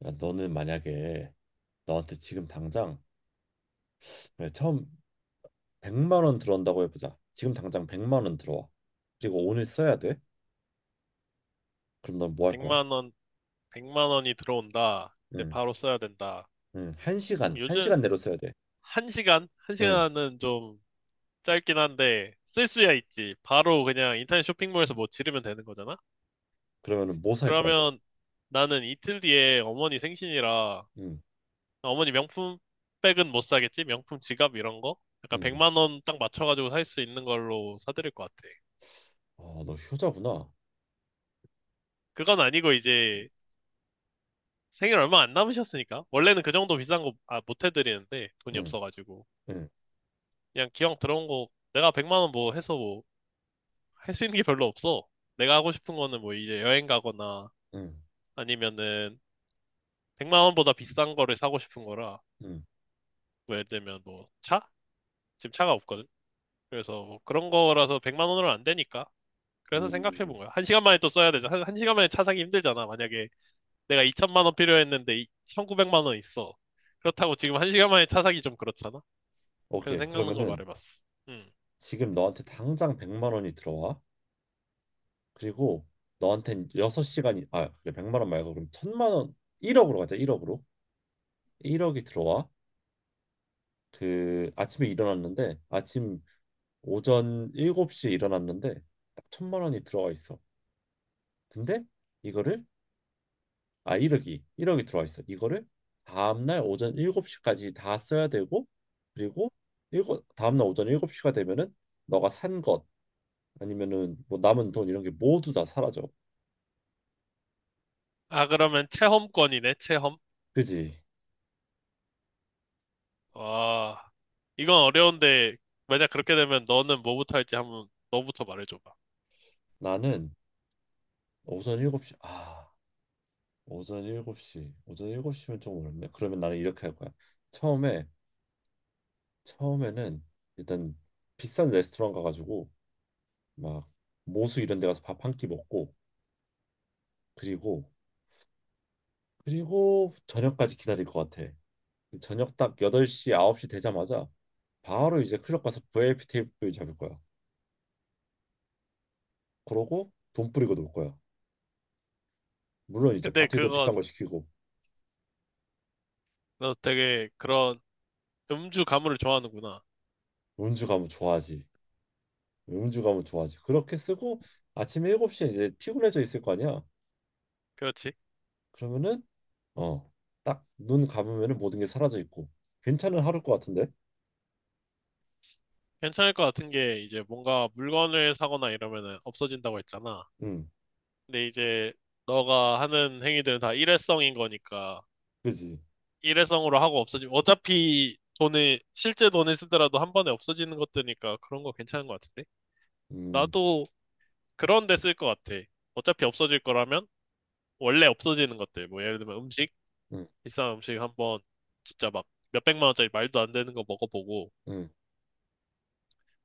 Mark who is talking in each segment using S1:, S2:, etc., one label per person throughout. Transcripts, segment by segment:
S1: 그러니까 너는 만약에 너한테 지금 당장 그래, 처음 100만 원 들어온다고 해보자. 지금 당장 100만 원 들어와. 그리고 오늘 써야 돼. 그럼 넌 뭐 할 거야?
S2: 100만 원, 100만 원이 들어온다. 근데
S1: 응,
S2: 바로 써야 된다.
S1: 응,
S2: 그럼
S1: 한
S2: 요즘
S1: 시간 내로 써야 돼.
S2: 1시간?
S1: 응,
S2: 1시간은 좀 짧긴 한데 쓸 수야 있지. 바로 그냥 인터넷 쇼핑몰에서 뭐 지르면 되는 거잖아?
S1: 그러면은 뭐 살 거야, 너?
S2: 그러면 나는 이틀 뒤에 어머니 생신이라
S1: 응,
S2: 어머니 명품 백은 못 사겠지? 명품 지갑 이런 거? 약간
S1: 응.
S2: 100만 원 딱 맞춰가지고 살 수 있는 걸로 사드릴 것 같아.
S1: 아, 너 효자구나.
S2: 그건 아니고 이제 생일 얼마 안 남으셨으니까. 원래는 그 정도 비싼 거, 아, 못 해드리는데 돈이
S1: 응,
S2: 없어가지고.
S1: 응,
S2: 그냥 기왕 들어온 거 내가 100만 원 뭐 해서 뭐 할 수 있는 게 별로 없어. 내가 하고 싶은 거는 뭐 이제 여행 가거나
S1: 응,
S2: 아니면은 100만 원보다 비싼 거를 사고 싶은 거라.
S1: 응,
S2: 뭐 예를 들면 뭐 차? 지금 차가 없거든. 그래서 뭐 그런 거라서 100만 원으로는 안 되니까. 그래서 생각해
S1: 음.
S2: 본 거야. 한 시간 만에 또 써야 되잖아. 한 시간 만에 차 사기 힘들잖아. 만약에 내가 2천만 원 필요했는데 1,900만 원 있어. 그렇다고 지금 한 시간 만에 차 사기 좀 그렇잖아. 그래서
S1: 오케이.
S2: 생각난 거
S1: 그러면은
S2: 말해봤어. 음.
S1: 지금 너한테 당장 100만 원이 들어와. 그리고 그래, 100만 원 말고 그럼 천만원 1억으로 가자. 1억으로. 1억이 들어와. 그 아침에 일어났는데 아침 오전 7시에 일어났는데 딱 1000만 원이 들어가 있어. 근데 이거를 1억이 들어가 있어. 이거를 다음날 오전 7시까지 다 써야 되고 그리고 일곱 다음날 오전 7시가 되면은 너가 산 것 아니면은 뭐 남은 돈 이런 게 모두 다 사라져.
S2: 아, 그러면 체험권이네, 체험.
S1: 그지?
S2: 와, 이건 어려운데, 만약 그렇게 되면 너는 뭐부터 할지 한번 너부터 말해줘봐.
S1: 나는 오전 7시 아 오전 7시 오전 7시면 좀 어렵네. 그러면 나는 이렇게 할 거야. 처음에 처음에는 일단 비싼 레스토랑 가가지고 막 모수 이런 데 가서 밥 한 끼 먹고 그리고 그리고 저녁까지 기다릴 것 같아. 저녁 딱 8시, 9시 되자마자 바로 이제 클럽 가서 VIP 테이블 잡을 거야. 그러고 돈 뿌리고 놀 거야. 물론 이제
S2: 근데
S1: 바트에 더
S2: 그거,
S1: 비싼 걸 시키고
S2: 너 되게 그런 음주 가물을 좋아하는구나.
S1: 음주 가면 좋아하지. 음주 가면 좋아하지. 그렇게 쓰고 아침 7시에 이제 피곤해져 있을 거 아니야.
S2: 그렇지?
S1: 그러면은 어, 딱 눈 감으면은 모든 게 사라져 있고 괜찮은 하루일 것 같은데?
S2: 괜찮을 것 같은 게 이제 뭔가 물건을 사거나 이러면은 없어진다고 했잖아.
S1: 응.
S2: 근데 이제 너가 하는 행위들은 다 일회성인 거니까
S1: 그지?
S2: 일회성으로 하고 없어지면 어차피 돈을, 실제 돈을 쓰더라도 한 번에 없어지는 것들이니까 그런 거 괜찮은 것 같은데?
S1: 음,
S2: 나도 그런 데 쓸 것 같아. 어차피 없어질 거라면 원래 없어지는 것들. 뭐 예를 들면 음식,
S1: 음,
S2: 비싼 음식 한번 진짜 막 몇백만 원짜리 말도 안 되는 거 먹어보고,
S1: 음,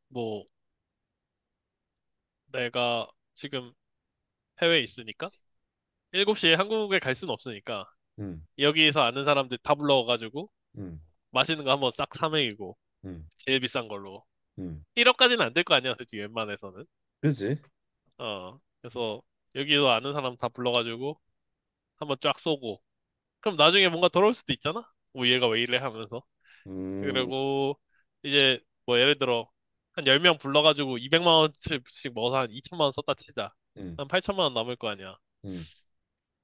S2: 뭐 내가 지금 해외에 있으니까 7시에 한국에 갈 수는 없으니까
S1: 음,
S2: 여기서 아는 사람들 다 불러가지고
S1: 음,
S2: 맛있는 거 한번 싹 사 먹이고
S1: 음,
S2: 제일 비싼 걸로
S1: 음.
S2: 1억까지는 안 될 거 아니야, 솔직히 웬만해서는.
S1: 그지?
S2: 어. 그래서 여기서 아는 사람 다 불러가지고 한번 쫙 쏘고 그럼 나중에 뭔가 돌아올 수도 있잖아? 뭐 얘가 왜 이래 하면서.
S1: 음,
S2: 그리고 이제 뭐 예를 들어 한 10명 불러가지고 200만 원씩 먹어서 한 2천만 원 썼다 치자.
S1: 음,
S2: 한 8천만 원 남을 거 아니야.
S1: 음.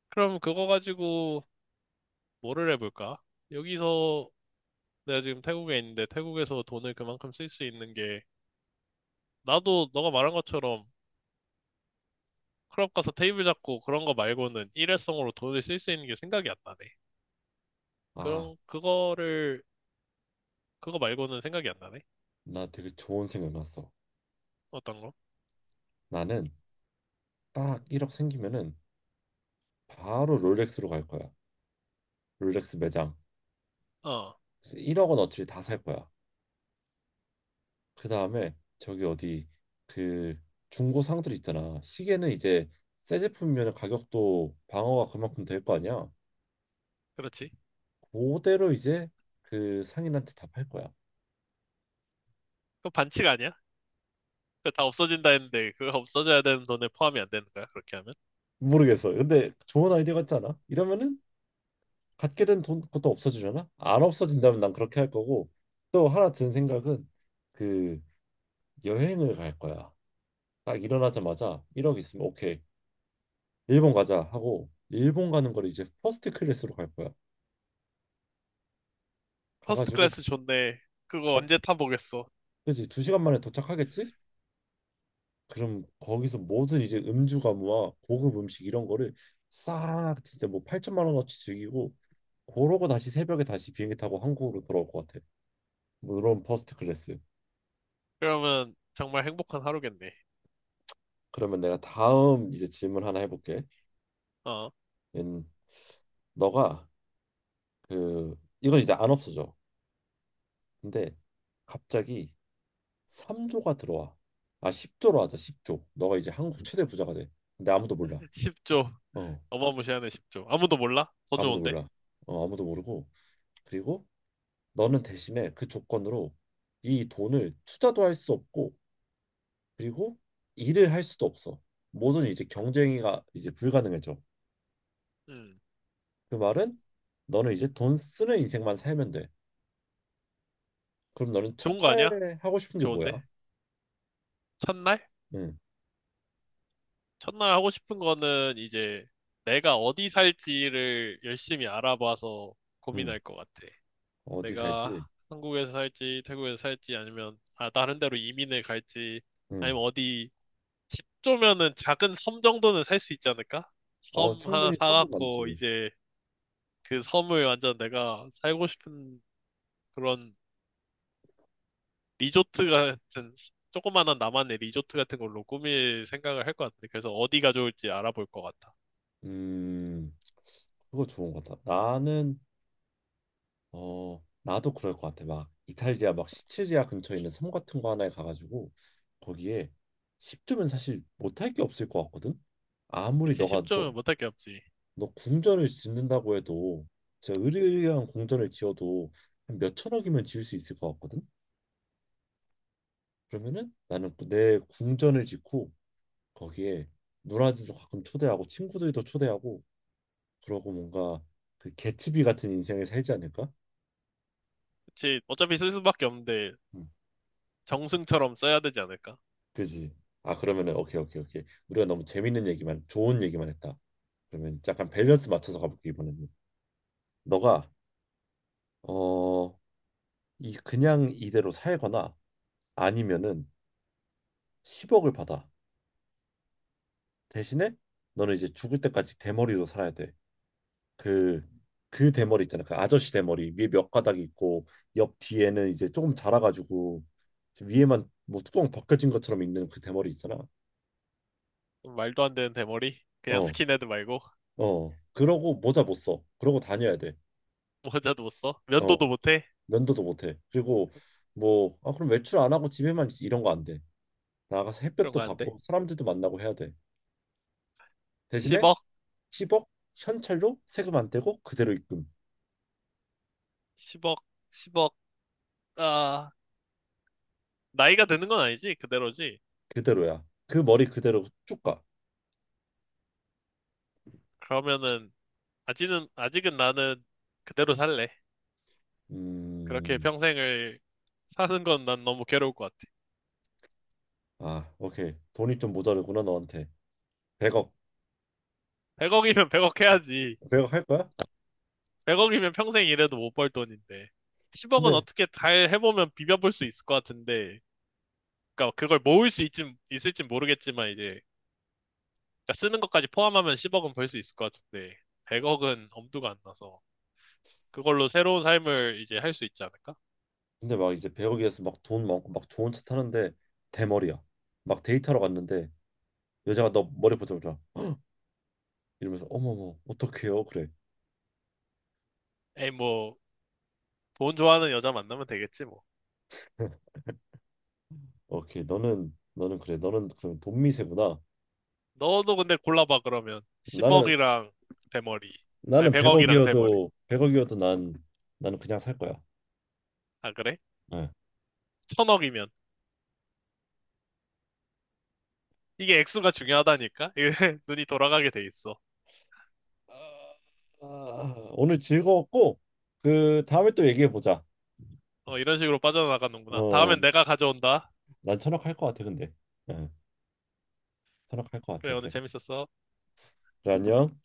S2: 그럼 그거 가지고 뭐를 해볼까? 여기서 내가 지금 태국에 있는데 태국에서 돈을 그만큼 쓸 수 있는 게 나도 너가 말한 것처럼 클럽 가서 테이블 잡고 그런 거 말고는 일회성으로 돈을 쓸 수 있는 게 생각이 안 나네.
S1: 아,
S2: 그런 그거를 그거 말고는 생각이 안 나네.
S1: 나 되게 좋은 생각 났어.
S2: 어떤 거?
S1: 나는 딱 1억 생기면은 바로 롤렉스로 갈 거야. 롤렉스 매장.
S2: 어,
S1: 1억 원어치를 다 살 거야. 그 다음에 저기 어디 그 중고 상들 있잖아. 시계는 이제 새 제품이면 가격도 방어가 그만큼 될 거 아니야.
S2: 그렇지.
S1: 그대로 이제 그 상인한테 다 팔 거야.
S2: 그거 반칙 아니야? 그거 다 없어진다 했는데 그거 없어져야 되는 돈에 포함이 안 되는 거야 그렇게 하면?
S1: 모르겠어. 근데 좋은 아이디어 같지 않아? 이러면은 갖게 된 돈 것도 없어지잖아. 안 없어진다면 난 그렇게 할 거고 또 하나 든 생각은 그 여행을 갈 거야. 딱 일어나자마자 1억 있으면 오케이 일본 가자 하고 일본 가는 걸 이제 퍼스트 클래스로 갈 거야.
S2: 퍼스트
S1: 가가지고
S2: 클래스 좋네. 그거
S1: 딱
S2: 언제 타보겠어.
S1: 그지 2시간 만에 도착하겠지? 그럼 거기서 모든 이제 음주 가무와 고급 음식 이런 거를 싹 진짜 뭐 8천만 원어치 즐기고 그러고 다시 새벽에 다시 비행기 타고 한국으로 돌아올 것 같아. 물론 퍼스트 클래스.
S2: 그러면 정말 행복한 하루겠네.
S1: 그러면 내가 다음 이제 질문 하나 해볼게.
S2: 어.
S1: 음, 너가 그 이건 이제 안 없어져. 근데 갑자기 3조가 들어와. 아 10조로 하자. 10조. 너가 이제 한국 최대 부자가 돼. 근데 아무도 몰라.
S2: 10조?
S1: 어,
S2: 어마무시하네. 10조 아무도 몰라? 더
S1: 아무도
S2: 좋은데?
S1: 몰라. 어, 아무도 모르고. 그리고 너는 대신에 그 조건으로 이 돈을 투자도 할 수 없고 그리고 일을 할 수도 없어. 모든 이제 경쟁이가 이제 불가능해져.
S2: 음.
S1: 그 말은 너는 이제 돈 쓰는 인생만 살면 돼. 그럼 너는
S2: 좋은 거 아니야?
S1: 첫날 하고 싶은 게 뭐야?
S2: 좋은데? 첫날?
S1: 응,
S2: 첫날 하고 싶은 거는 이제 내가 어디 살지를 열심히 알아봐서
S1: 응.
S2: 고민할 것 같아.
S1: 어디
S2: 내가
S1: 살지?
S2: 한국에서 살지 태국에서 살지 아니면 아 다른 데로 이민을 갈지
S1: 응.
S2: 아니면 어디 10조면은 작은 섬 정도는 살 수 있지 않을까?
S1: 어,
S2: 섬 하나
S1: 충분히 사고
S2: 사갖고
S1: 남지.
S2: 이제 그 섬을 완전 내가 살고 싶은 그런 리조트 같은 조그만한 나만의 리조트 같은 걸로 꾸밀 생각을 할 것 같은데 그래서 어디가 좋을지 알아볼 것 같아.
S1: 음, 그거 좋은 것 같아. 나는 어, 나도 그럴 것 같아. 막 이탈리아 막 시칠리아 근처에 있는 섬 같은 거 하나에 가가지고 거기에 10주면 사실 못할 게 없을 것 같거든. 아무리
S2: 그치
S1: 너가 너,
S2: 10조면 못할 게 없지.
S1: 너 궁전을 짓는다고 해도 진짜 으리으리한 궁전을 지어도 한 몇천억이면 지을 수 있을 것 같거든. 그러면은 나는 그 내 궁전을 짓고 거기에 누나들도 가끔 초대하고 친구들도 초대하고 그러고 뭔가 그 개츠비 같은 인생을 살지 않을까?
S2: 그치 어차피 쓸 수밖에 없는데
S1: 음.
S2: 정승처럼 써야 되지 않을까?
S1: 그지? 아 그러면은 오케이 오케이 오케이 우리가 너무 재밌는 얘기만 좋은 얘기만 했다. 그러면 약간 밸런스 맞춰서 가볼게. 이번에는 너가 어 이 그냥 이대로 살거나 아니면은 10억을 받아. 대신에 너는 이제 죽을 때까지 대머리로 살아야 돼. 그 그 대머리 있잖아. 그 아저씨 대머리 위에 몇 가닥 이 있고 옆 뒤에는 이제 조금 자라가지고 위에만 뭐 뚜껑 벗겨진 것처럼 있는 그 대머리 있잖아.
S2: 좀 말도 안 되는 대머리? 그냥
S1: 어,
S2: 스킨헤드 말고
S1: 어. 그러고 모자 못 써. 그러고 다녀야 돼.
S2: 모자도 못 써?
S1: 어,
S2: 면도도 못 해?
S1: 면도도 못 해. 그리고 뭐 아, 그럼 외출 안 하고 집에만 있- 이런 거 안 돼. 나가서
S2: 그런
S1: 햇볕도
S2: 거 안 돼?
S1: 받고 사람들도 만나고 해야 돼. 대신에
S2: 10억?
S1: 10억 현찰로 세금 안 떼고 그대로 입금.
S2: 10억? 10억? 아, 나이가 드는 건 아니지? 그대로지?
S1: 그대로야. 그 머리 그대로 쭉 가.
S2: 그러면은, 아직은 나는 그대로 살래. 그렇게
S1: 음.
S2: 평생을 사는 건 난 너무 괴로울 것 같아.
S1: 아, 오케이. 돈이 좀 모자르구나 너한테. 100억.
S2: 100억이면 100억 해야지.
S1: 100억 할 거야?
S2: 100억이면 평생 일해도 못 벌 돈인데. 10억은
S1: 근데
S2: 어떻게 잘 해보면 비벼볼 수 있을 것 같은데. 그러니까 그걸 모을 수 있을진 모르겠지만 이제, 그러니까 쓰는 것까지 포함하면 10억은 벌 수 있을 것 같은데. 100억은 엄두가 안 나서. 그걸로 새로운 삶을 이제 할 수 있지 않을까?
S1: 근데 막 이제 100억이어서 막 돈 많고 막 좋은 차 타는데 대머리야. 막 데이트하러 갔는데 여자가 너 머리 보자보자 이러면서 어머머 어떡해요? 그래.
S2: 에이, 뭐, 돈 좋아하는 여자 만나면 되겠지, 뭐.
S1: 오케이. 너는 그래. 너는 그럼 돈 미세구나.
S2: 너도 근데 골라봐, 그러면.
S1: 나는
S2: 10억이랑 대머리. 아니,
S1: 나는
S2: 100억이랑 대머리.
S1: 100억이어도 난 나는 그냥 살 거야.
S2: 아, 그래?
S1: 네.
S2: 1000억이면. 이게 액수가 중요하다니까? 이게 눈이 돌아가게 돼 있어.
S1: 아, 오늘 즐거웠고 그 다음에 또 얘기해 보자.
S2: 어, 이런 식으로 빠져나가는구나.
S1: 어,
S2: 다음엔 내가 가져온다.
S1: 난 1000억 할 것 같아 근데. 네. 선택할 것
S2: 그래,
S1: 같아.
S2: 오늘
S1: 그래.
S2: 재밌었어.
S1: 그래, 안녕.